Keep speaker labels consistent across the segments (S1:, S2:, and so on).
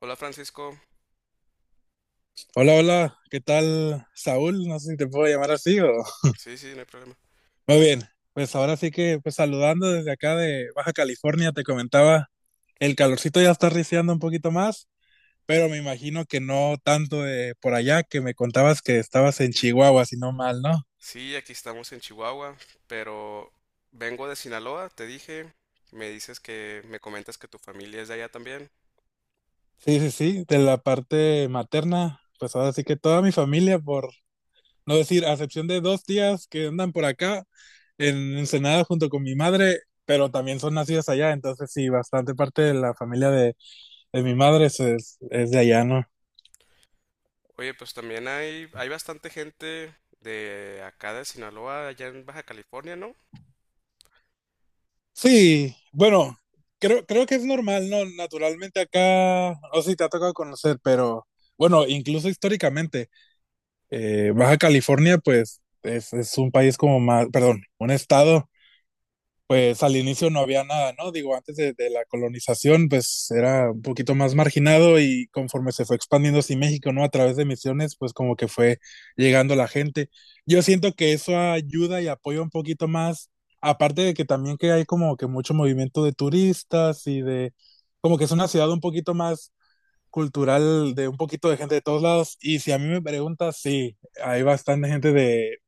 S1: Hola Francisco.
S2: Hola, hola, ¿qué tal, Saúl? No sé si te puedo llamar así o...
S1: Sí, sí, no hay problema.
S2: Muy bien, pues ahora sí que pues saludando desde acá de Baja California, te comentaba, el calorcito ya está riciando un poquito más, pero me imagino que no tanto de por allá, que me contabas que estabas en Chihuahua, si no mal, ¿no?
S1: Sí, aquí estamos en Chihuahua, pero vengo de Sinaloa, te dije. Me dices que me comentas que tu familia es de allá también.
S2: Sí, sí, sí, de la parte materna, pues ahora sí que toda mi familia por No decir, a excepción de dos tías que andan por acá en Ensenada junto con mi madre, pero también son nacidas allá, entonces sí, bastante parte de la familia de mi madre es de allá, ¿no?
S1: Oye, pues también hay bastante gente de acá de Sinaloa, allá en Baja California, ¿no?
S2: Sí, bueno, creo que es normal, ¿no? Naturalmente acá, no sé si te ha tocado conocer, pero bueno, incluso históricamente, Baja California, pues es un país como más, perdón, un estado pues al inicio no había nada, ¿no? Digo, antes de la colonización, pues era un poquito más marginado y conforme se fue expandiendo así México, ¿no? A través de misiones, pues como que fue llegando la gente. Yo siento que eso ayuda y apoya un poquito más, aparte de que también que hay como que mucho movimiento de turistas y de, como que es una ciudad un poquito más cultural, de un poquito de gente de todos lados. Y si a mí me preguntas, sí, hay bastante gente de,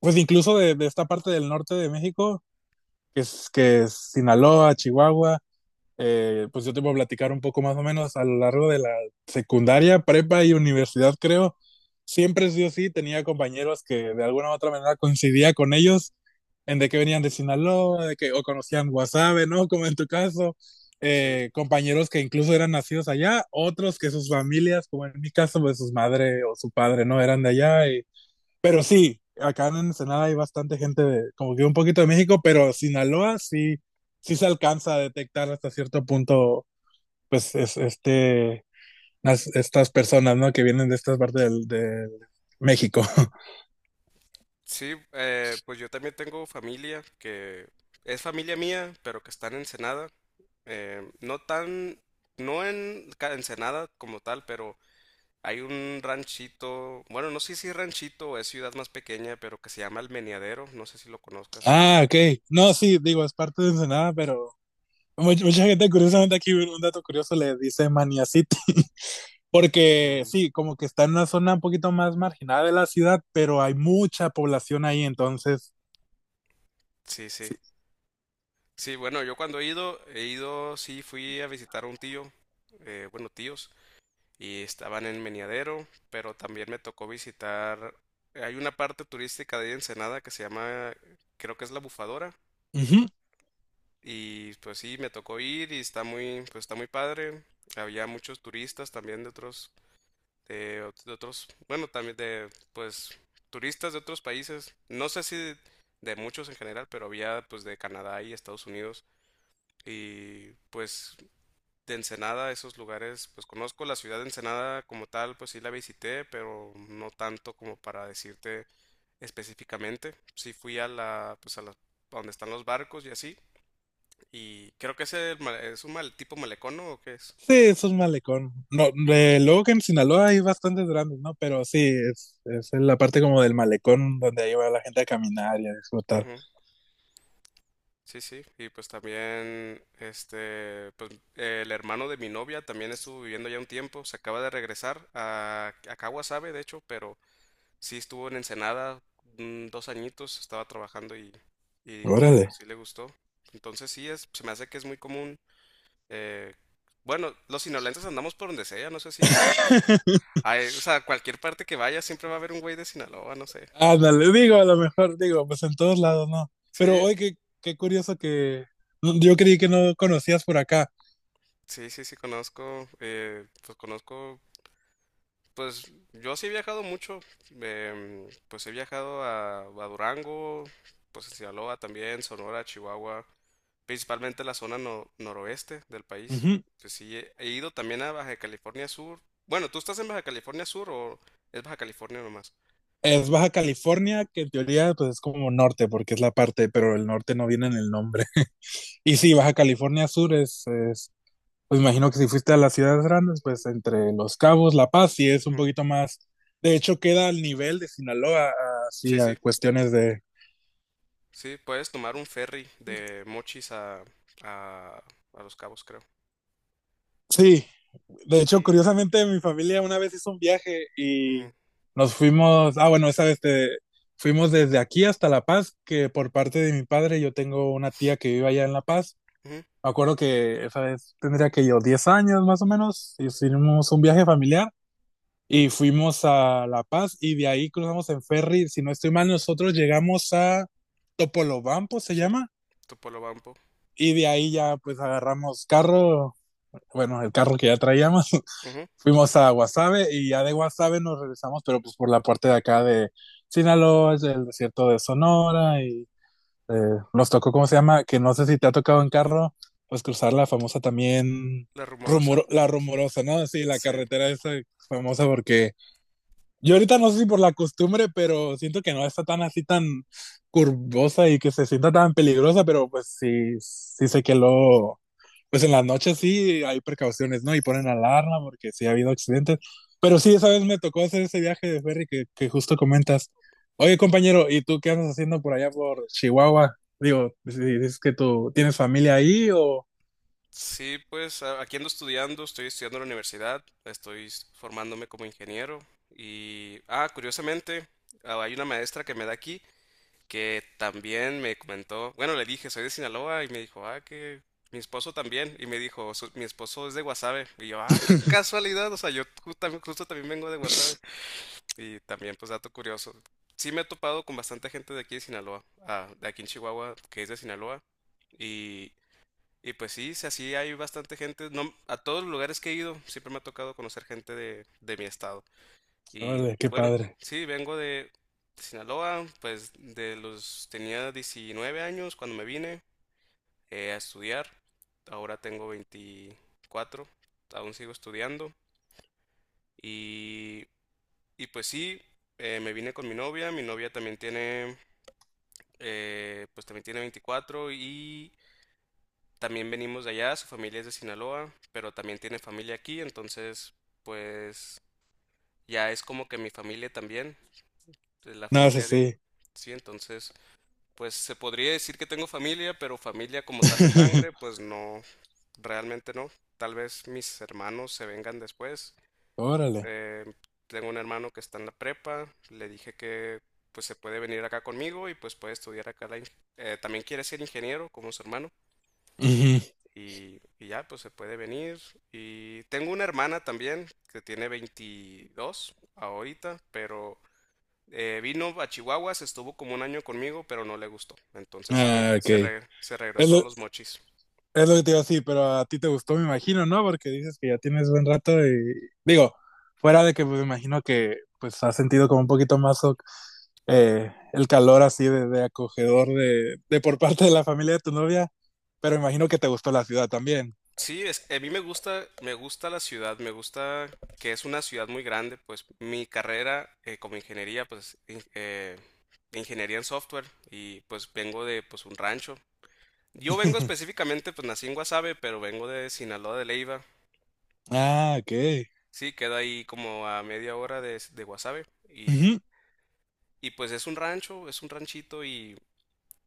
S2: pues incluso de esta parte del norte de México que es Sinaloa, Chihuahua. Pues yo te voy a platicar un poco más o menos a lo largo de la secundaria, prepa y universidad, creo. Siempre sí o sí tenía compañeros que de alguna u otra manera coincidía con ellos en de que venían de Sinaloa, de que o conocían Guasave, ¿no? Como en tu caso,
S1: Sí.
S2: compañeros que incluso eran nacidos allá, otros que sus familias, como en mi caso, pues sus madre o su padre, ¿no? Eran de allá, pero sí, acá en Ensenada hay bastante gente de, como que un poquito de México, pero Sinaloa sí, sí se alcanza a detectar hasta cierto punto, pues, es, este, estas personas, ¿no? Que vienen de estas partes de México.
S1: Sí, pues yo también tengo familia que es familia mía, pero que está en Ensenada. No tan, no en ca- Ensenada como tal, pero hay un ranchito. Bueno, no sé si es ranchito o es ciudad más pequeña, pero que se llama El Meneadero. No sé si lo conozcas.
S2: Ah, ok. No, sí, digo, es parte de Ensenada, pero mucha, mucha gente, curiosamente, aquí un dato curioso le dice Mania City, porque
S1: Mm,
S2: sí, como que está en una zona un poquito más marginada de la ciudad, pero hay mucha población ahí, entonces,
S1: sí, sí.
S2: sí.
S1: Sí, bueno, yo cuando he ido, sí, fui a visitar a un tío, bueno, tíos, y estaban en Meneadero, pero también me tocó visitar. Hay una parte turística de ahí Ensenada que se llama, creo que es La Bufadora,
S2: Ujú.
S1: y pues sí, me tocó ir y está muy, pues está muy padre. Había muchos turistas también de otros, de otros, bueno, también de, pues, turistas de otros países. No sé si de, de muchos en general, pero había, pues, de Canadá y Estados Unidos, y, pues, de Ensenada, esos lugares. Pues conozco la ciudad de Ensenada como tal, pues sí la visité, pero no tanto como para decirte específicamente. Sí fui a la, pues, a donde están los barcos y así, y creo que es el, ma- es un mal, tipo malecón, ¿no? ¿O qué es?
S2: Sí, es un malecón. No, luego que en Sinaloa hay bastantes grandes, ¿no? Pero sí, es en la parte como del malecón donde ahí va la gente a caminar y a disfrutar.
S1: Ujú. Sí, sí, y pues también, este, pues el hermano de mi novia también estuvo viviendo ya un tiempo. Se acaba de regresar a, Kawasabe, de hecho, pero sí estuvo en Ensenada dos añitos. Estaba trabajando y dijo que pues
S2: Órale.
S1: sí le gustó. Entonces sí, se me hace que es muy común. eh, bueno, los sinaloenses andamos por donde sea. No sé si. Ay, o sea, cualquier parte que vayas siempre va a haber un güey de Sinaloa, no sé.
S2: Ándale, digo, a lo mejor, digo, pues en todos lados, ¿no? Pero
S1: Sí,
S2: hoy qué, qué curioso que yo creí que no conocías por acá.
S1: sí, sí, sí, conozco. Pues yo sí he viajado mucho. Pues he viajado a Durango, pues a Sinaloa también, Sonora, Chihuahua, principalmente la zona noroeste del país.
S2: Ujú.
S1: Pues sí, he ido también a Baja California Sur. Bueno, ¿tú estás en Baja California Sur o es Baja California nomás?
S2: Es Baja California, que en teoría pues es como norte, porque es la parte, pero el norte no viene en el nombre. Y sí, Baja California Sur es, pues imagino que si fuiste a las ciudades grandes, pues entre Los Cabos, La Paz, sí es un
S1: Ujú.
S2: poquito más. De hecho, queda al nivel de Sinaloa, así
S1: Sí,
S2: a
S1: sí,
S2: cuestiones de.
S1: sí, puedes tomar un ferry de Mochis a, a Los Cabos, creo.
S2: Sí, de hecho,
S1: Y,
S2: curiosamente, mi familia una vez hizo un viaje
S1: Ujú,
S2: y nos fuimos. Ah, bueno, fuimos desde aquí hasta La Paz, que por parte de mi padre yo tengo una tía que vive allá en La Paz.
S1: ujú,
S2: Me acuerdo que esa vez tendría que yo 10 años más o menos, y hicimos un viaje familiar y fuimos a La Paz y de ahí cruzamos en ferry, si no estoy mal, nosotros llegamos a Topolobampo, se
S1: sí,
S2: llama,
S1: Topolobampo.
S2: y de ahí ya pues agarramos carro, bueno, el carro que ya traíamos,
S1: Ujú.
S2: fuimos a Guasave y ya de Guasave nos regresamos, pero pues por la parte de acá de Sinaloa, es el desierto de Sonora y eh, nos tocó, ¿cómo se llama? Que no sé si te ha tocado en carro, pues cruzar la famosa también,
S1: La Rumorosa.
S2: la rumorosa, ¿no? Sí, la
S1: Sí.
S2: carretera esa famosa porque yo ahorita no sé si por la costumbre, pero siento que no está tan así tan curvosa y que se sienta tan peligrosa, pero pues sí, pues en las noches sí hay precauciones, ¿no? Y ponen alarma porque sí ha habido accidentes. Pero sí, esa vez me tocó hacer ese viaje de ferry que justo comentas. Oye, compañero, ¿y tú qué andas haciendo por allá por Chihuahua? Digo, si dices que tú tienes familia ahí o...
S1: Sí, pues aquí ando estudiando, estoy estudiando en la universidad, estoy formándome como ingeniero y, curiosamente, hay una maestra que me da aquí, que también me comentó. Bueno, le dije, soy de Sinaloa, y me dijo, que mi esposo también. Y me dijo, mi esposo es de Guasave." Y yo, qué casualidad. O sea, yo justo también vengo de Guasave. Y también, pues, dato curioso. Sí me he topado con bastante gente de aquí de Sinaloa, de aquí en Chihuahua, que es de Sinaloa. Y y pues sí, sí, así hay bastante gente. No, a todos los lugares que he ido, siempre me ha tocado conocer gente de mi estado. Y
S2: Órale, qué
S1: bueno,
S2: padre.
S1: sí, vengo de Sinaloa, pues de los tenía 19 años cuando me vine a estudiar. Ahora tengo 24, aún sigo estudiando. Y, y pues sí, me vine con mi novia. Mi novia también tiene 24. También venimos de allá, su familia es de Sinaloa, pero también tiene familia aquí, entonces pues ya es como que mi familia también, de la
S2: No, sé
S1: familia de
S2: sí.
S1: ella. Sí, entonces pues se podría decir que tengo familia, pero familia como tal de sangre, pues no, realmente no. Tal vez mis hermanos se vengan después.
S2: Órale.
S1: Eh, Tengo un hermano que está en la prepa. Le dije que pues se puede venir acá conmigo y pues puede estudiar acá. También quiere ser ingeniero como su hermano.
S2: Ujú.
S1: Y ya, pues se puede venir. Y tengo una hermana también, que tiene 22 ahorita, pero vino a Chihuahua, se estuvo como un año conmigo, pero no le gustó. Entonces se, re-
S2: Ah, ok.
S1: se, re- se
S2: Es
S1: regresó a
S2: lo,
S1: los Mochis.
S2: es lo que te digo sí pero a ti te gustó, me imagino, ¿no? Porque dices que ya tienes buen rato y digo, fuera de que pues, me imagino que pues has sentido como un poquito más el calor así de acogedor de por parte de la familia de tu novia, pero me imagino que te gustó la ciudad también.
S1: Sí, a mí me gusta la ciudad. Me gusta que es una ciudad muy grande. Pues mi carrera, como ingeniería, pues ingeniería en software. Y pues vengo de pues un rancho. Yo vengo específicamente, pues nací en Guasave, pero vengo de Sinaloa de Leiva.
S2: Ah, ok.
S1: Sí, queda ahí como a media hora de Guasave.
S2: Ujú.
S1: Y pues es un rancho, es un ranchito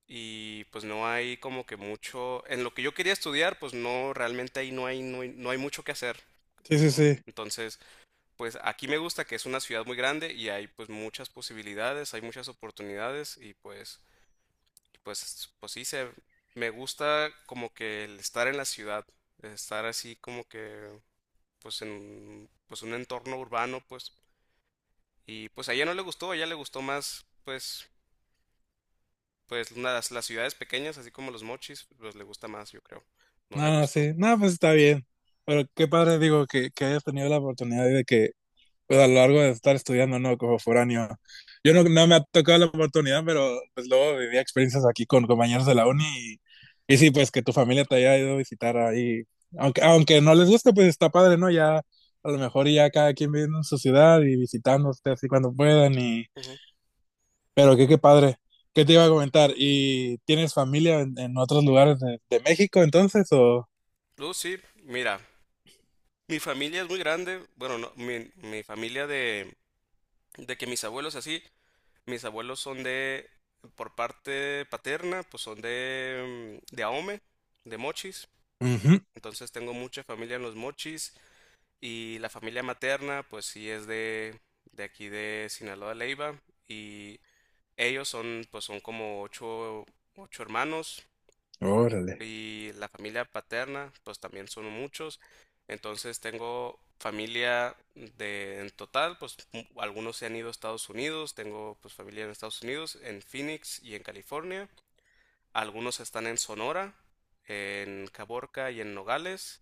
S1: y pues no hay como que mucho. En lo que yo quería estudiar, pues no, realmente ahí no hay, no hay mucho que hacer.
S2: Sí, sí, sí.
S1: Entonces, pues aquí me gusta que es una ciudad muy grande y hay pues muchas posibilidades, hay muchas oportunidades. Y pues, y, pues, me gusta como que el estar en la ciudad, estar así como que pues en pues un entorno urbano, pues. Y pues a ella no le gustó, a ella le gustó más, pues, pues las ciudades pequeñas, así como los Mochis, pues le gusta más, yo creo. No le
S2: No,
S1: gustó.
S2: sí, no, pues está bien. Pero qué padre, digo, que hayas tenido la oportunidad de que, pues a lo largo de estar estudiando, ¿no? Como foráneo. Yo no me ha tocado la oportunidad, pero pues luego vivía experiencias aquí con compañeros de la uni y sí, pues que tu familia te haya ido a visitar ahí. Aunque, aunque no les guste, pues está padre, ¿no? Ya a lo mejor ya cada quien viviendo en su ciudad y visitándote así cuando puedan y...
S1: Ujú.
S2: Pero qué, qué padre. ¿Qué te iba a comentar? ¿Y tienes familia en otros lugares de México entonces o...?
S1: Sí, mira, mi familia es muy grande. Bueno, no, mi familia de que mis abuelos así, mis abuelos son de, por parte paterna, pues son de, de Ahome, de Mochis. Entonces tengo mucha familia en los Mochis, y la familia materna, pues sí es de aquí de Sinaloa, Leiva. Y ellos son como ocho hermanos,
S2: Órale.
S1: y la familia paterna, pues también son muchos. Entonces tengo familia de en total, pues algunos se han ido a Estados Unidos. Tengo pues familia en Estados Unidos, en Phoenix y en California. Algunos están en Sonora, en Caborca y en Nogales.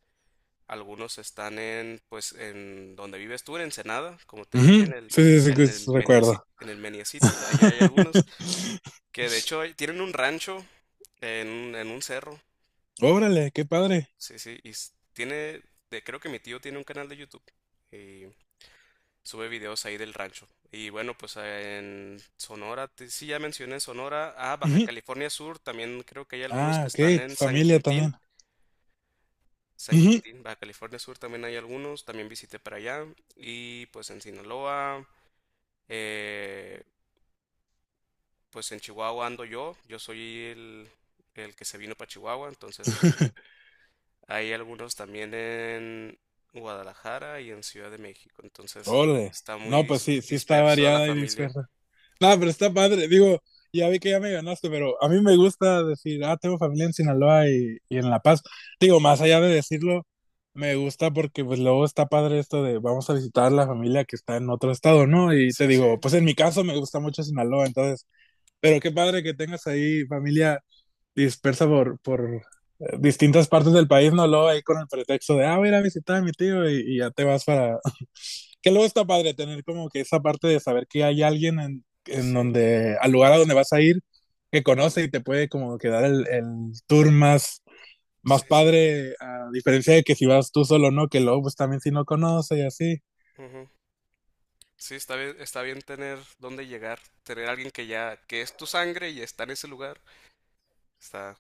S1: Algunos están en pues en donde vives tú, en Ensenada, como te dije,
S2: Ujú,
S1: en el
S2: sí, sí, sí,
S1: en
S2: que
S1: el
S2: sí,
S1: Meniaci-
S2: recuerdo.
S1: en el Menia City. Allá hay algunos que de hecho tienen un rancho en un cerro.
S2: Órale, qué padre.
S1: Sí, sí, y tiene, de, creo que mi tío tiene un canal de YouTube y sube videos ahí del rancho. Y bueno, pues en Sonora, sí, ya mencioné Sonora. Baja
S2: Ujú.
S1: California Sur, también creo que hay algunos
S2: Ah,
S1: que
S2: ok,
S1: están
S2: tu
S1: en San
S2: familia
S1: Quintín.
S2: también.
S1: San
S2: Ujú.
S1: Quintín, Baja California Sur, también hay algunos, también visité para allá. Y pues en Sinaloa, eh, pues en Chihuahua ando Yo, soy el que se vino para Chihuahua. Entonces hay algunos también en Guadalajara y en Ciudad de México. Entonces
S2: Órale.
S1: está muy
S2: No, pues sí, sí está
S1: disperso la
S2: variada y
S1: familia.
S2: dispersa. No, pero está padre. Digo, ya vi que ya me ganaste, pero a mí me gusta decir, ah, tengo familia en Sinaloa y en La Paz. Digo, más allá de decirlo, me gusta porque pues luego está padre esto de vamos a visitar la familia que está en otro estado, ¿no? Y te
S1: Sí,
S2: digo,
S1: sí,
S2: pues en mi caso me gusta mucho Sinaloa, entonces pero qué padre que tengas ahí familia dispersa por distintas partes del país, no lo ahí con el pretexto de, ah, voy a ir a visitar a mi tío y ya te vas para... Que luego está padre tener como que esa parte de saber que hay alguien en
S1: sí,
S2: donde, al lugar a donde vas a ir, que conoce y te puede como que dar el tour más, más
S1: sí, sí.
S2: padre, a diferencia de que si vas tú solo, ¿no? Que luego pues también si no conoce y así.
S1: Ujú. Sí, está bien tener dónde llegar, tener alguien que ya, que es tu sangre y está en ese lugar. Está,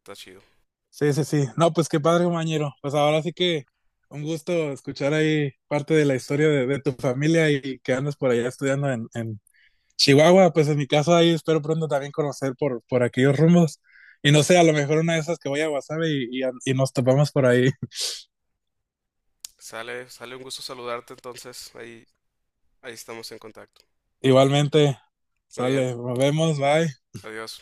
S1: está chido.
S2: Sí, sí, sí. No, pues qué padre, compañero. Pues ahora sí que un gusto escuchar ahí parte de la
S1: Sí, sí.
S2: historia de tu familia y que andas por allá estudiando en Chihuahua. Pues en mi caso ahí espero pronto también conocer por aquellos rumbos. Y no sé, a lo mejor una de esas que voy a Guasave y nos topamos por ahí.
S1: Sale, sale un gusto saludarte entonces. Ahí estamos en contacto.
S2: Igualmente,
S1: Muy bien.
S2: sale, nos vemos, bye.
S1: Adiós.